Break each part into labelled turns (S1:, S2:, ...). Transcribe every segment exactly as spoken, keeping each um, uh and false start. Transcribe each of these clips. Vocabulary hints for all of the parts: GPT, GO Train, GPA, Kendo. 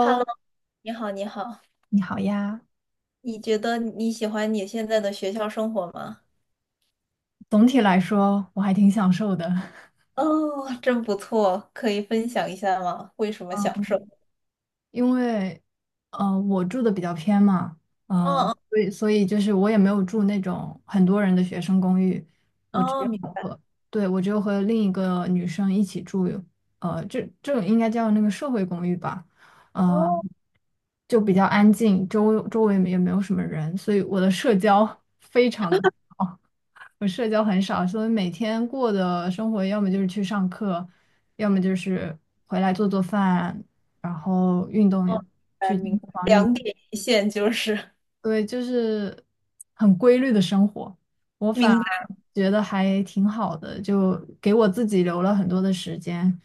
S1: Hello，你好，你好。
S2: 你好呀。
S1: 你觉得你喜欢你现在的学校生活吗？
S2: 总体来说我还挺享受的，
S1: 哦，真不错，可以分享一下吗？为什么享受？
S2: 嗯，因为呃我住的比较偏嘛，
S1: 哦
S2: 呃，
S1: 哦
S2: 所以所以就是我也没有住那种很多人的学生公寓。我只
S1: 哦，
S2: 有
S1: 明
S2: 和，对，我只有和另一个女生一起住。呃，这这种应该叫那个社会公寓吧，呃，
S1: 哦
S2: 就比较安静，周周围也没有什么人，所以我的社交非常的少。我社交很少，所以每天过的生活要么就是去上课，要么就是回来做做饭，然后运动，
S1: 哦，明白
S2: 去健身
S1: 明白，
S2: 房运，
S1: 两点一线就是
S2: 对，就是很规律的生活。我反
S1: 明
S2: 而
S1: 白，
S2: 觉得还挺好的，就给我自己留了很多的时间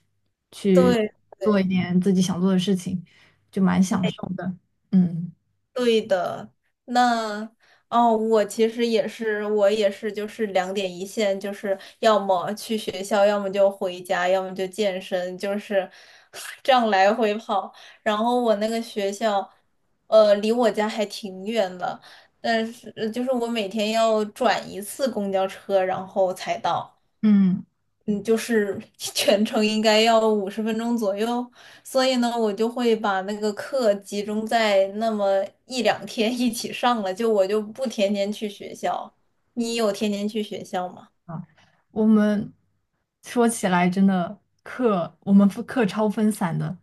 S2: 去
S1: 对
S2: 做一
S1: 对，
S2: 点自己想做的事情，就蛮享受的。嗯
S1: 对的。那哦，我其实也是，我也是，就是两点一线，就是要么去学校，要么就回家，要么就健身，就是 这样来回跑。然后我那个学校，呃，离我家还挺远的，但是呃就是我每天要转一次公交车，然后才到。
S2: 嗯。
S1: 嗯，就是 全程应该要五十分钟左右，所以呢，我就会把那个课集中在那么一两天一起上了，就我就不天天去学校。你有天天去学校吗？
S2: 啊，我们说起来真的课，我们分课超分散的。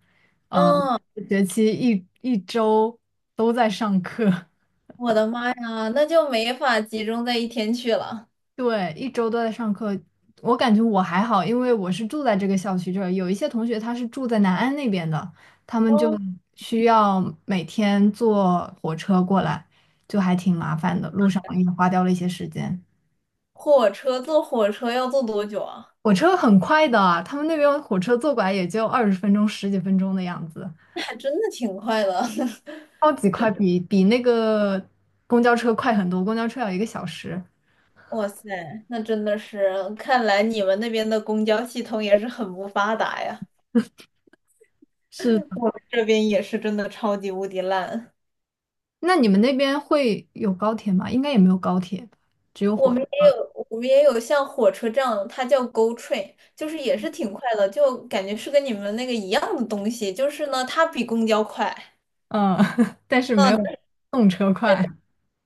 S2: 呃，
S1: 嗯，
S2: 学期一一周都在上课。
S1: 我的妈呀，那就没法集中在一天去了。
S2: 对，一周都在上课。我感觉我还好，因为我是住在这个校区这儿，有一些同学他是住在南安那边的，他们就
S1: 哦，
S2: 需要每天坐火车过来，就还挺麻烦的，路上也花掉了一些时间。
S1: 火车坐火车要坐多久啊？
S2: 火车很快的啊，他们那边火车坐过来也就二十分钟、十几分钟的样子。
S1: 那还真的挺快的。
S2: 超级快，比比那个公交车快很多，公交车要一个小时。
S1: 哇塞，那真的是，看来你们那边的公交系统也是很不发达呀。
S2: 是的。
S1: 这边也是真的超级无敌烂。
S2: 那你们那边会有高铁吗？应该也没有高铁吧，只有
S1: 我
S2: 火车。
S1: 们也有，我们也有像火车这样，它叫 G O Train，就是也是挺快的，就感觉是跟你们那个一样的东西，就是呢，它比公交快。
S2: 嗯，但是没
S1: 嗯，
S2: 有动车快。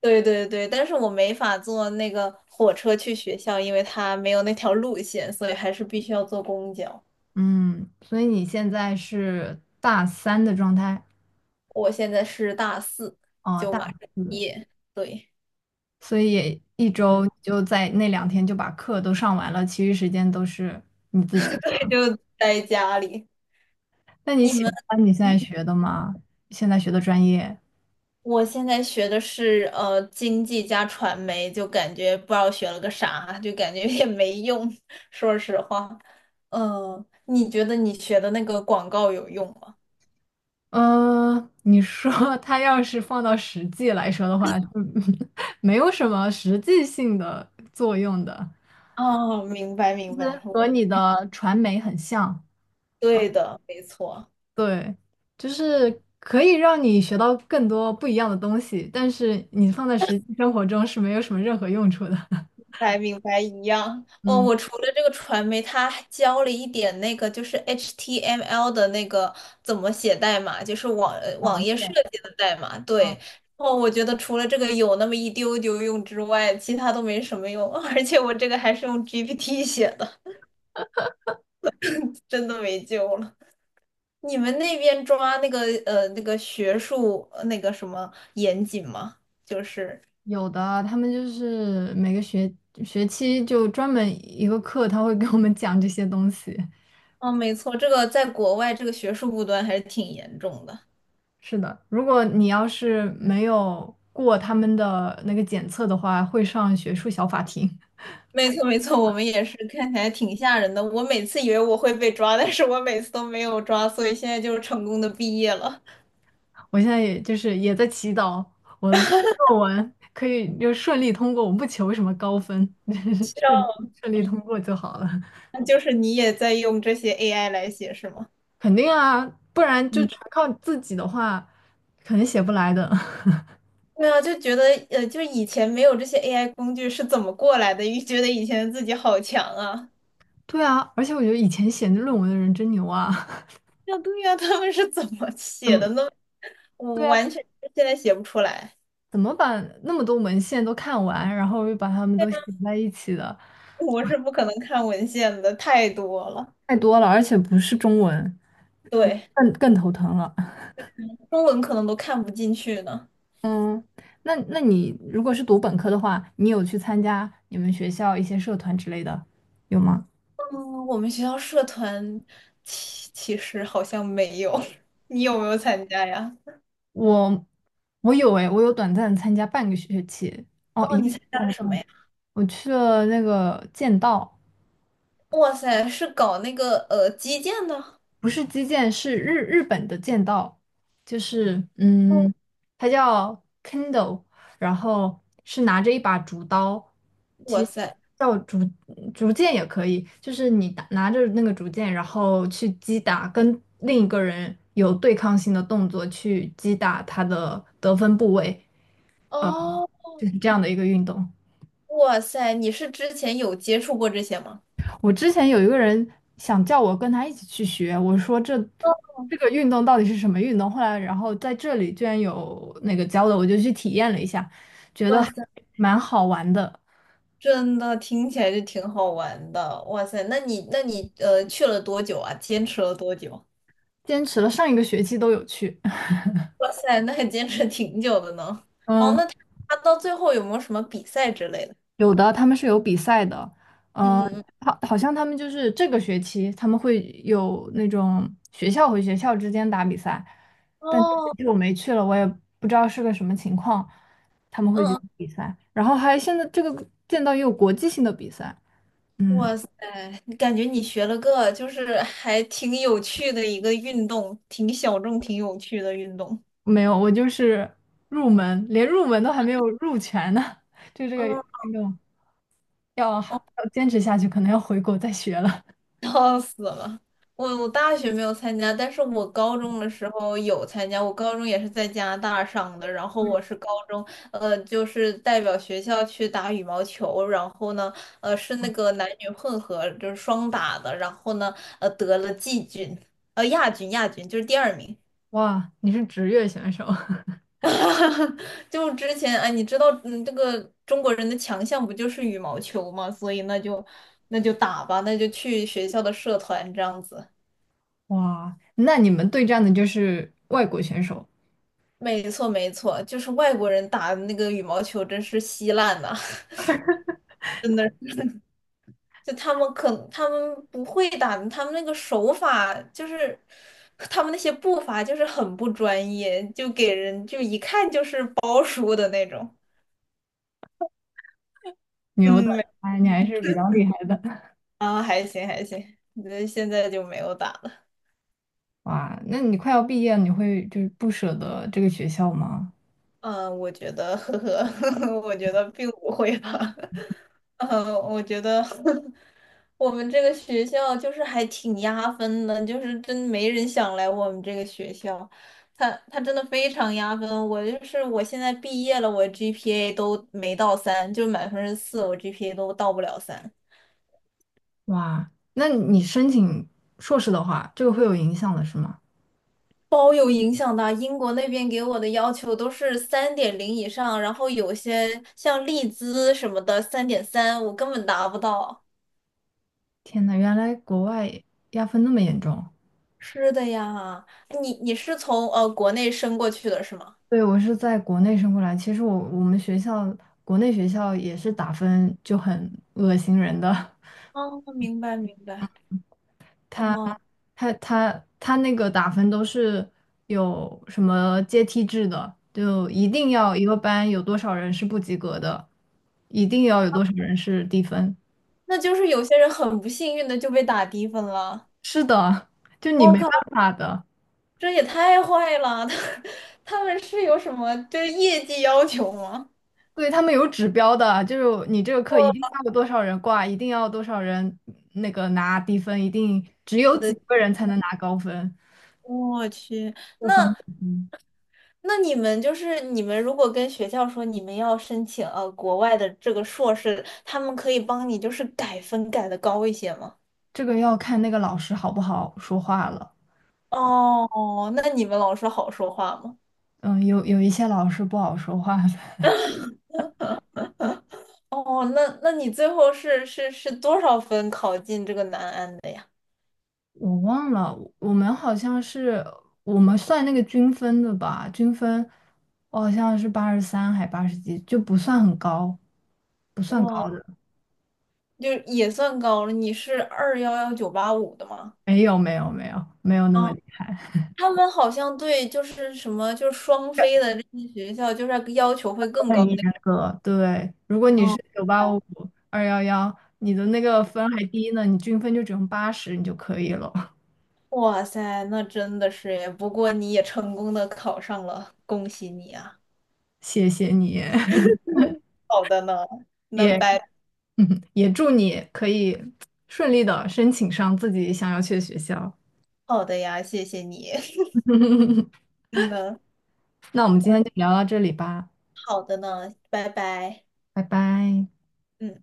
S1: 对对对，但是我没法坐那个火车去学校，因为它没有那条路线，所以还是必须要坐公交。
S2: 嗯，所以你现在是大三的状态？
S1: 我现在是大四，
S2: 啊，
S1: 就
S2: 大
S1: 马上
S2: 四，
S1: 毕业，对，
S2: 所以也一
S1: 嗯。
S2: 周就在那两天就把课都上完了，其余时间都是你自己
S1: 对，
S2: 的。
S1: 就待家里。
S2: 那你
S1: 你
S2: 喜
S1: 们？
S2: 欢你现在学的吗？现在学的专业？
S1: 我现在学的是呃经济加传媒，就感觉不知道学了个啥，就感觉也没用。说实话，嗯、你觉得你学的那个广告有用吗？
S2: 嗯，你说 它要是放到实际来说的话，嗯，没有什么实际性的作用的，
S1: 哦，明白
S2: 就
S1: 明白，
S2: 是和
S1: 我
S2: 你的传媒很像。
S1: 对的，没错。
S2: 对，就是可以让你学到更多不一样的东西，但是你放在实际生活中是没有什么任何用处的。
S1: 白明白一样。哦，
S2: 嗯，
S1: 我除了这个传媒，他还教了一点那个就是 H T M L 的那个怎么写代码，就是网呃
S2: 网
S1: 网页设
S2: 页。
S1: 计的代码。
S2: 嗯，
S1: 对。哦，我觉得除了这个有那么一丢丢用之外，其他都没什么用。而且我这个还是用 G P T 写的，真的没救了。你们那边抓那个呃那个学术呃那个什么严谨吗？就是，
S2: 有的，他们就是每个学学期就专门一个课，他会给我们讲这些东西。
S1: 哦，没错，这个在国外这个学术不端还是挺严重的。
S2: 是的，如果你要是没有过他们的那个检测的话，会上学术小法庭。
S1: 没错没错，我们也是看起来挺吓人的。我每次以为我会被抓，但是我每次都没有抓，所以现在就是成功的毕业了。
S2: 我现在也就是也在祈祷我的论文可以就顺利通过，我不求什么高分，顺顺利通过就好了。
S1: 那就是你也在用这些 A I 来写是吗？
S2: 肯定啊，不然就
S1: 嗯，
S2: 全靠自己的话，肯定写不来的。
S1: 对啊，就觉得呃，就是以前没有这些 A I 工具是怎么过来的？又觉得以前自己好强啊！
S2: 对啊，而且我觉得以前写论文的人真牛啊。
S1: 啊，对呀，他们是怎么
S2: 怎
S1: 写
S2: 么
S1: 的呢？
S2: 对
S1: 我
S2: 啊，
S1: 完全现在写不出来，
S2: 怎么把那么多文献都看完，然后又把它们都写在一起的？
S1: 我是不可能看文献的，太多了。
S2: 太多了，而且不是中文，
S1: 对，
S2: 更更头疼了。
S1: 中文可能都看不进去呢。
S2: 嗯，那那你如果是读本科的话，你有去参加你们学校一些社团之类的，有吗？
S1: 嗯，我们学校社团其其实好像没有，你有没有参加呀？
S2: 我我有诶，我有短暂参加半个学期，哦，
S1: 哦，
S2: 一个
S1: 你
S2: 学
S1: 参加
S2: 期
S1: 了
S2: 还不
S1: 什么
S2: 到。
S1: 呀？
S2: 我去了那个剑道。
S1: 哇塞，是搞那个呃击剑的。
S2: 不是击剑，是日日本的剑道，就是
S1: 哦，
S2: 嗯，它叫 Kendo,然后是拿着一把竹刀。其
S1: 哇
S2: 实
S1: 塞。
S2: 叫竹竹剑也可以，就是你打拿着那个竹剑，然后去击打跟另一个人有对抗性的动作去击打他的得分部位，
S1: 哦，
S2: 就是这样的一个运动。
S1: 哇塞，你是之前有接触过这些吗？
S2: 我之前有一个人想叫我跟他一起去学，我说这
S1: 哦，
S2: 这个运动到底是什么运动？后来然后在这里居然有那个教的，我就去体验了一下，觉得
S1: 哇
S2: 还
S1: 塞，
S2: 蛮好玩的。
S1: 真的听起来就挺好玩的。哇塞，那你那你呃去了多久啊？坚持了多久？
S2: 坚持了上一个学期都有去。
S1: 哇塞，那还坚持挺久的呢。哦，
S2: 嗯。
S1: 那他他到最后有没有什么比赛之类的？
S2: 有的，他们是有比赛的，
S1: 嗯
S2: 呃，
S1: 嗯嗯。
S2: 好，好像他们就是这个学期他们会有那种学校和学校之间打比赛，但这学
S1: 哦，
S2: 期我没去了，我也不知道是个什么情况，他们会去
S1: 嗯
S2: 比赛，然后还现在这个见到也有国际性的比赛。嗯，
S1: 哇塞，感觉你学了个就是还挺有趣的一个运动，挺小众、挺有趣的运动。
S2: 没有，我就是入门，连入门都还没有入全呢，就这个
S1: 嗯。
S2: 运动要还 要坚持下去，可能要回国再学了。
S1: 笑死了！我我大学没有参加，但是我高中的时候有参加。我高中也是在加拿大上的，然后我是高中，呃，就是代表学校去打羽毛球，然后呢，呃，是那个男女混合，就是双打的，然后呢，呃，得了季军，呃，亚军，亚军就是第二名。
S2: 哇，你是职业选手。
S1: 就之前哎，你知道，嗯，这个中国人的强项不就是羽毛球吗？所以那就那就打吧，那就去学校的社团这样子。
S2: 哇，那你们对战的就是外国选手。
S1: 没错，没错，就是外国人打那个羽毛球真是稀烂呐、真的。就他们可他们不会打，他们那个手法就是他们那些步伐就是很不专业，就给人就一看就是包输的那种。
S2: 牛的。
S1: 嗯，没
S2: 哎，你还是比较厉害的。
S1: 啊，还行还行，那现在就没有打了。
S2: 哇，那你快要毕业了，你会就是不舍得这个学校吗？
S1: 嗯，我觉得，呵呵，我觉得并不会吧。呃，我觉得 我们这个学校就是还挺压分的，就是真没人想来我们这个学校。他他真的非常压分，我就是我现在毕业了，我 G P A 都没到三，就满分是四，我 G P A 都到不了三，
S2: 哇，那你申请硕士的话，这个会有影响的是吗？
S1: 包有影响的。英国那边给我的要求都是三点零以上，然后有些像利兹什么的三点三，我根本达不到。
S2: 天呐，原来国外压分那么严重。
S1: 是的呀，你你是从呃国内升过去的是吗？
S2: 对，我是在国内升过来，其实我我们学校国内学校也是打分就很恶心人的。
S1: 哦，明白明白。
S2: 他
S1: 哦，
S2: 他他他那个打分都是有什么阶梯制的，就一定要一个班有多少人是不及格的，一定要有多少人是低分。
S1: 那就是有些人很不幸运的就被打低分了。
S2: 是的，就你
S1: 我
S2: 没
S1: 靠，
S2: 办法的。
S1: 这也太坏了！他他们是有什么就是业绩要求吗？
S2: 对，他们有指标的，就是你这个课一定要有多少人挂，一定要多少人那个拿低分，一定只有
S1: 我
S2: 几
S1: 的
S2: 个人才能拿高分，
S1: 我去，
S2: 就很嗯，
S1: 那你们就是你们如果跟学校说你们要申请呃国外的这个硕士，他们可以帮你就是改分改的高一些吗？
S2: 这个要看那个老师好不好说话了。
S1: 哦，那你们老师好说话吗？
S2: 嗯，有有一些老师不好说话，的。
S1: 哦，那那你最后是是是多少分考进这个南安的呀？
S2: 我忘了，我们好像是我们算那个均分的吧，均分我好像是八十三还八十几，就不算很高，不算
S1: 哇，
S2: 高的。
S1: 就是也算高了。你是二幺幺九八五的吗？
S2: 没有没有没有没有那
S1: 啊，
S2: 么厉害。
S1: 他们好像对就是什么就是双非的这些学校，就是要求会更高
S2: 很严
S1: 那个。
S2: 格。对，如果你
S1: 哦，
S2: 是九八五、二幺幺，你的那个分还低呢，你均分就只用八十你就可以了。
S1: 哇塞，那真的是耶！不过你也成功的考上了，恭喜你啊！
S2: 谢谢你，
S1: 好的呢，那
S2: 也
S1: 拜。
S2: 嗯也祝你可以顺利的申请上自己想要去的学校。
S1: 好的呀，谢谢你。嗯呢，
S2: 那我们今天就聊到这里吧。
S1: 好的呢，拜拜。
S2: 拜拜。
S1: 嗯。